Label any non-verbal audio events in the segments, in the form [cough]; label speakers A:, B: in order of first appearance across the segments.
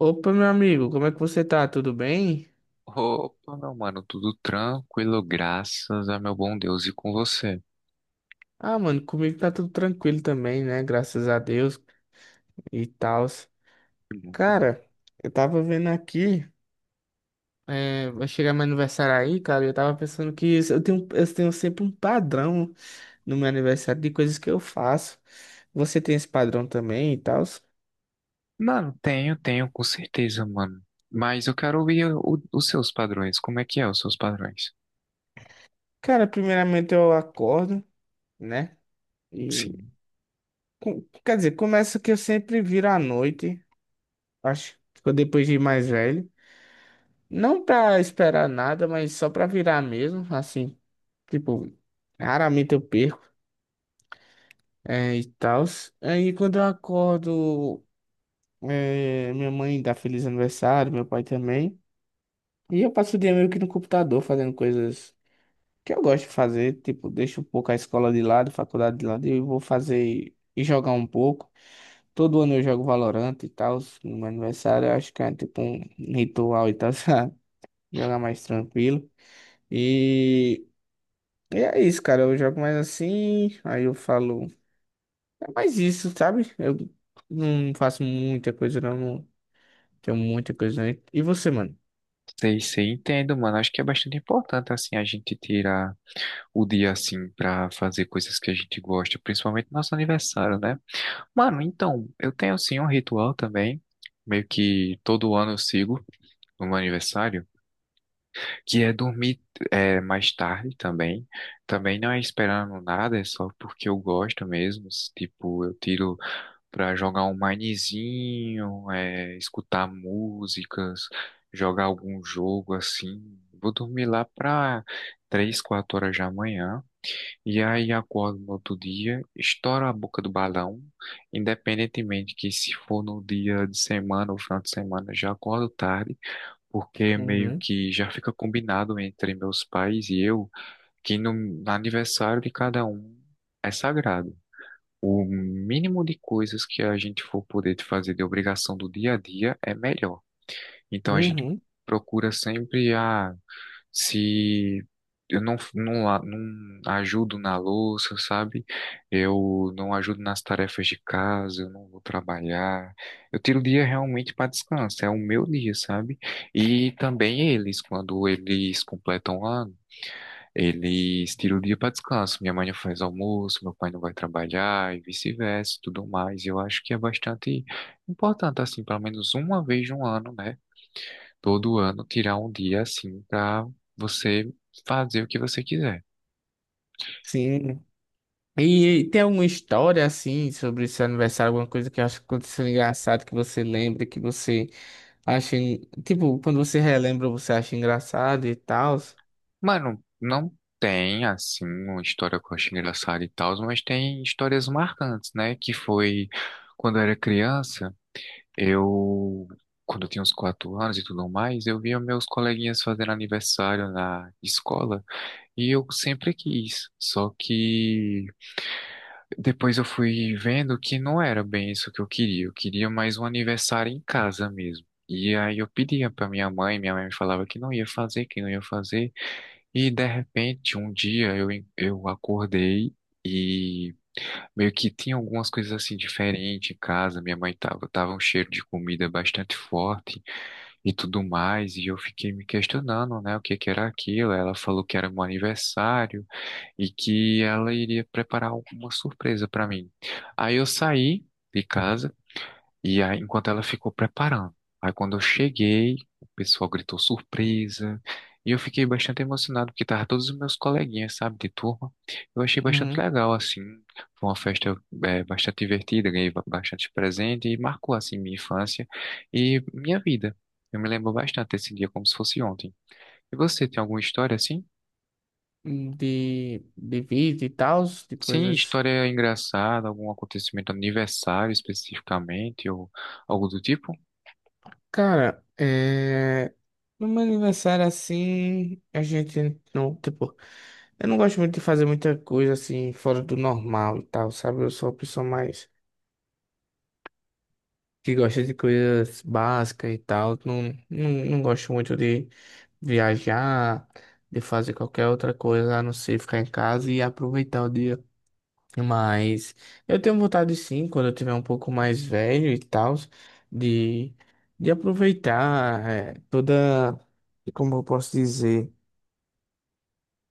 A: Opa, meu amigo, como é que você tá? Tudo bem?
B: Opa, meu mano, tudo tranquilo, graças a meu bom Deus e com você.
A: Ah, mano, comigo tá tudo tranquilo também, né? Graças a Deus e tal. Cara, eu tava vendo aqui, é, vai chegar meu aniversário aí, cara, e eu tava pensando que eu tenho sempre um padrão no meu aniversário de coisas que eu faço. Você tem esse padrão também e tal?
B: Mano, tenho, com certeza, mano. Mas eu quero ouvir os seus padrões. Como é que é os seus padrões?
A: Cara, primeiramente eu acordo, né? E
B: Sim,
A: quer dizer, começa que eu sempre viro à noite, acho que depois de mais velho. Não pra esperar nada, mas só pra virar mesmo, assim, tipo, raramente eu perco, é, e tal. Aí quando eu acordo, é, minha mãe dá feliz aniversário, meu pai também. E eu passo o dia meio que no computador fazendo coisas que eu gosto de fazer, tipo, deixo um pouco a escola de lado, a faculdade de lado, e eu vou fazer e jogar um pouco. Todo ano eu jogo Valorant e tal, no meu aniversário, eu acho que é tipo um ritual e tal, [laughs] sabe? Jogar mais tranquilo. E E é isso, cara. Eu jogo mais assim, aí eu falo. É mais isso, sabe? Eu não faço muita coisa, não. Não tenho muita coisa. Não. E você, mano?
B: sei, entendo, mano. Acho que é bastante importante, assim, a gente tirar o dia, assim, pra fazer coisas que a gente gosta, principalmente nosso aniversário, né? Mano, então, eu tenho, assim, um ritual também. Meio que todo ano eu sigo no meu aniversário, que é dormir mais tarde também. Também não é esperando nada, é só porque eu gosto mesmo. Tipo, eu tiro pra jogar um minezinho, escutar músicas, jogar algum jogo assim. Vou dormir lá pra três, quatro horas da manhã. E aí acordo no outro dia, estouro a boca do balão. Independentemente que se for no dia de semana ou final de semana, já acordo tarde porque meio
A: Uhum.
B: que já fica combinado entre meus pais e eu que no aniversário de cada um é sagrado. O mínimo de coisas que a gente for poder fazer de obrigação do dia a dia é melhor. Então a gente
A: Uhum.
B: procura sempre a se eu não ajudo na louça, sabe? Eu não ajudo nas tarefas de casa, eu não vou trabalhar. Eu tiro o dia realmente para descanso, é o meu dia, sabe? E também eles, quando eles completam o ano, eles tiram o dia para descanso. Minha mãe não faz almoço, meu pai não vai trabalhar e vice-versa, e tudo mais. Eu acho que é bastante importante, assim, pelo menos uma vez no ano, né? Todo ano tirar um dia assim pra você fazer o que você quiser.
A: Sim. E tem alguma história assim sobre seu aniversário, alguma coisa que acha que aconteceu engraçado que você lembra, que você acha, tipo, quando você relembra, você acha engraçado e tal,
B: Mano, não tem assim uma história que eu acho engraçada e tal, mas tem histórias marcantes, né? Que foi quando eu era criança, eu. Quando eu tinha uns quatro anos e tudo mais, eu via meus coleguinhas fazendo aniversário na escola e eu sempre quis. Só que depois eu fui vendo que não era bem isso que eu queria. Eu queria mais um aniversário em casa mesmo. E aí eu pedia pra minha mãe me falava que não ia fazer, que não ia fazer. E de repente, um dia eu acordei e meio que tinha algumas coisas assim diferentes em casa. Minha mãe tava um cheiro de comida bastante forte e tudo mais. E eu fiquei me questionando, né, o que que era aquilo. Ela falou que era meu aniversário e que ela iria preparar alguma surpresa para mim. Aí eu saí de casa e aí, enquanto ela ficou preparando. Aí quando eu cheguei, o pessoal gritou surpresa e eu fiquei bastante emocionado porque tava todos os meus coleguinhas, sabe, de turma. Eu achei bastante
A: Uhum.
B: legal assim. Foi uma festa bastante divertida, ganhei bastante presente e marcou assim minha infância e minha vida. Eu me lembro bastante desse dia como se fosse ontem. E você tem alguma história assim?
A: De vida e tal, de
B: Sim,
A: coisas.
B: história engraçada, algum acontecimento aniversário especificamente, ou algo do tipo?
A: Cara, é. No meu aniversário, assim, a gente não, tipo, eu não gosto muito de fazer muita coisa, assim, fora do normal e tal, sabe? Eu sou uma pessoa mais que gosta de coisas básicas e tal. Não, não gosto muito de viajar, de fazer qualquer outra coisa, a não ser ficar em casa e aproveitar o dia. Mas eu tenho vontade, sim, quando eu tiver um pouco mais velho e tal, de, de aproveitar, toda, como eu posso dizer.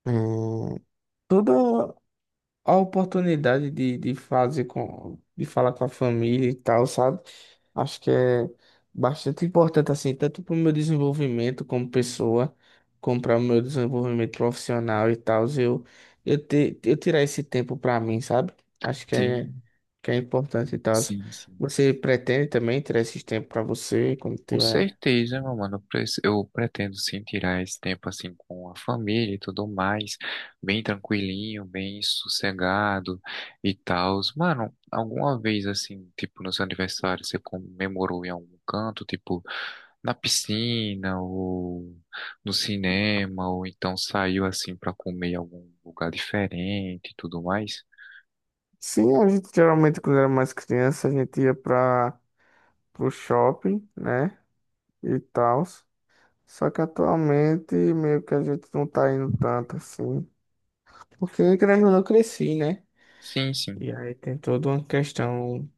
A: eh, Toda a oportunidade de fazer com, de falar com a família e tal, sabe? Acho que é bastante importante, assim, tanto para o meu desenvolvimento como pessoa, como para o meu desenvolvimento profissional e tal, eu, eu tirar esse tempo para mim, sabe? Acho
B: Sim,
A: que é importante e tal.
B: sim, sim.
A: Você pretende também tirar esse tempo para você quando
B: Com
A: tiver?
B: certeza, meu mano. Eu pretendo sim tirar esse tempo assim com a família e tudo mais, bem tranquilinho, bem sossegado e tal. Mano, alguma vez assim, tipo, no seu aniversário, você comemorou em algum canto, tipo, na piscina ou no cinema, ou então saiu assim pra comer em algum lugar diferente e tudo mais.
A: Sim, a gente geralmente quando era mais criança, a gente ia para o shopping, né? E tal. Só que atualmente meio que a gente não tá indo tanto assim. Porque querendo ou não, eu cresci, né?
B: Sim, sim,
A: E aí tem toda uma questão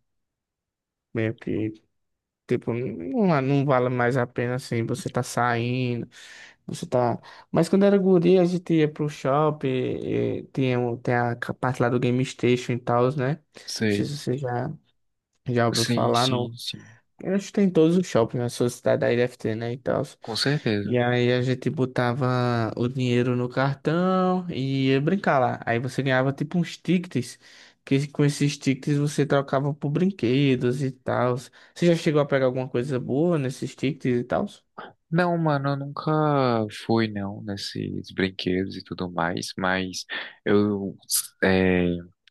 A: meio que, tipo, não, é, não vale mais a pena assim, você tá saindo, você tá. Mas quando era guri, a gente ia pro shopping, e tem a parte lá do Game Station e tal, né? Não sei
B: sei.
A: se você já, já ouviu
B: Sim,
A: falar,
B: sim, sim,
A: eu acho que tem em todos os shoppings na sua cidade aí deve ter, né, e tal.
B: com certeza.
A: E aí a gente botava o dinheiro no cartão e ia brincar lá. Aí você ganhava tipo uns tickets, que com esses tickets você trocava por brinquedos e tal. Você já chegou a pegar alguma coisa boa nesses tickets e tal?
B: Não, mano, eu nunca fui não nesses brinquedos e tudo mais, mas eu é,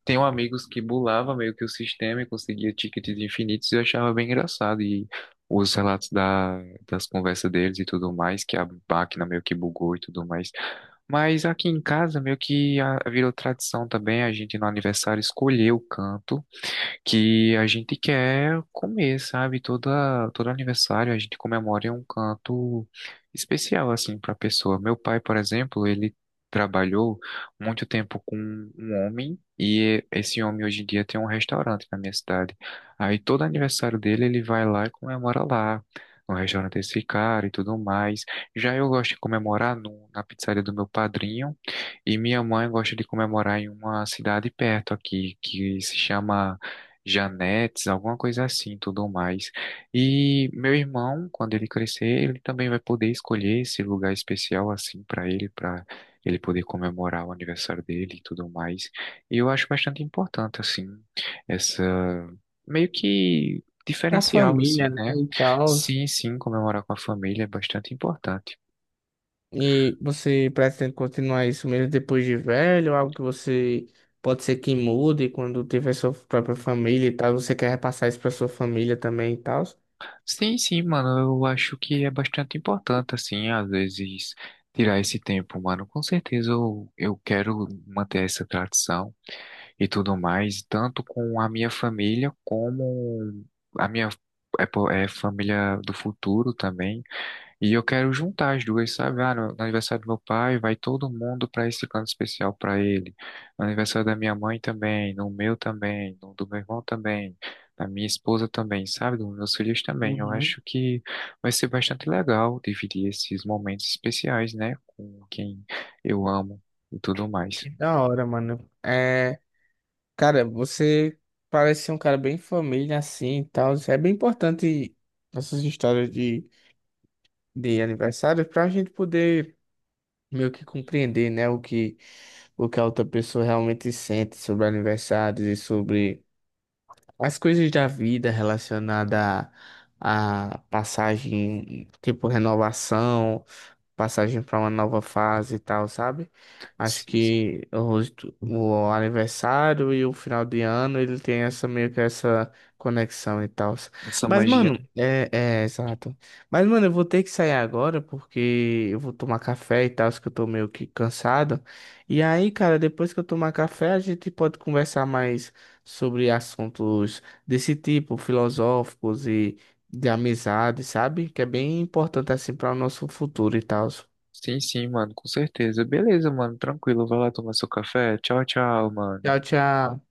B: tenho amigos que burlava meio que o sistema e conseguia tickets infinitos e eu achava bem engraçado. E os relatos da, das conversas deles e tudo mais, que a máquina meio que bugou e tudo mais. Mas aqui em casa, meio que ah, virou tradição também, a gente no aniversário escolher o canto que a gente quer comer, sabe? Todo aniversário a gente comemora em um canto especial, assim, para a pessoa. Meu pai, por exemplo, ele trabalhou muito tempo com um homem e esse homem hoje em dia tem um restaurante na minha cidade. Aí todo aniversário dele ele vai lá e comemora lá. No restaurante desse cara e tudo mais. Já eu gosto de comemorar no, na pizzaria do meu padrinho, e minha mãe gosta de comemorar em uma cidade perto aqui, que se chama Janetes, alguma coisa assim, tudo mais. E meu irmão, quando ele crescer, ele também vai poder escolher esse lugar especial assim para ele poder comemorar o aniversário dele e tudo mais. E eu acho bastante importante assim essa meio que
A: A
B: diferencial assim,
A: família, né,
B: né?
A: e tal.
B: Sim, sim, comemorar com a família é bastante importante.
A: E você pretende continuar isso mesmo depois de velho? Algo que você pode ser que mude quando tiver sua própria família e tal? Você quer repassar isso para sua família também e tal?
B: Sim, sim, mano, eu acho que é bastante importante, assim, às vezes tirar esse tempo, mano. Com certeza eu quero manter essa tradição e tudo mais, tanto com a minha família como a minha família do futuro também. E eu quero juntar as duas, sabe? Ah, no aniversário do meu pai, vai todo mundo para esse plano especial para ele. No aniversário da minha mãe também, no meu também, no do meu irmão também, da minha esposa também, sabe? Dos meus filhos também. Eu
A: Uhum.
B: acho que vai ser bastante legal dividir esses momentos especiais, né? Com quem eu amo e tudo mais.
A: Que da hora, mano. É, cara, você parece ser um cara bem família assim e tal. É bem importante essas histórias de aniversário pra gente poder. Meio que compreender, né, o que a outra pessoa realmente sente sobre aniversários e sobre as coisas da vida relacionada à à passagem, tipo renovação, passagem para uma nova fase e tal, sabe? Acho
B: Sim, sim.
A: que o aniversário e o final de ano ele tem essa meio que essa conexão e tal.
B: Essa
A: Mas,
B: magia,
A: mano,
B: né?
A: é, é exato. Mas, mano, eu vou ter que sair agora porque eu vou tomar café e tal, que eu tô meio que cansado. E aí, cara, depois que eu tomar café, a gente pode conversar mais sobre assuntos desse tipo, filosóficos de amizade, sabe? Que é bem importante assim para o nosso futuro e tal.
B: Sim, sim, mano, com certeza. Beleza, mano, tranquilo. Vai lá tomar seu café. Tchau, tchau,
A: Tchau,
B: mano.
A: tchau.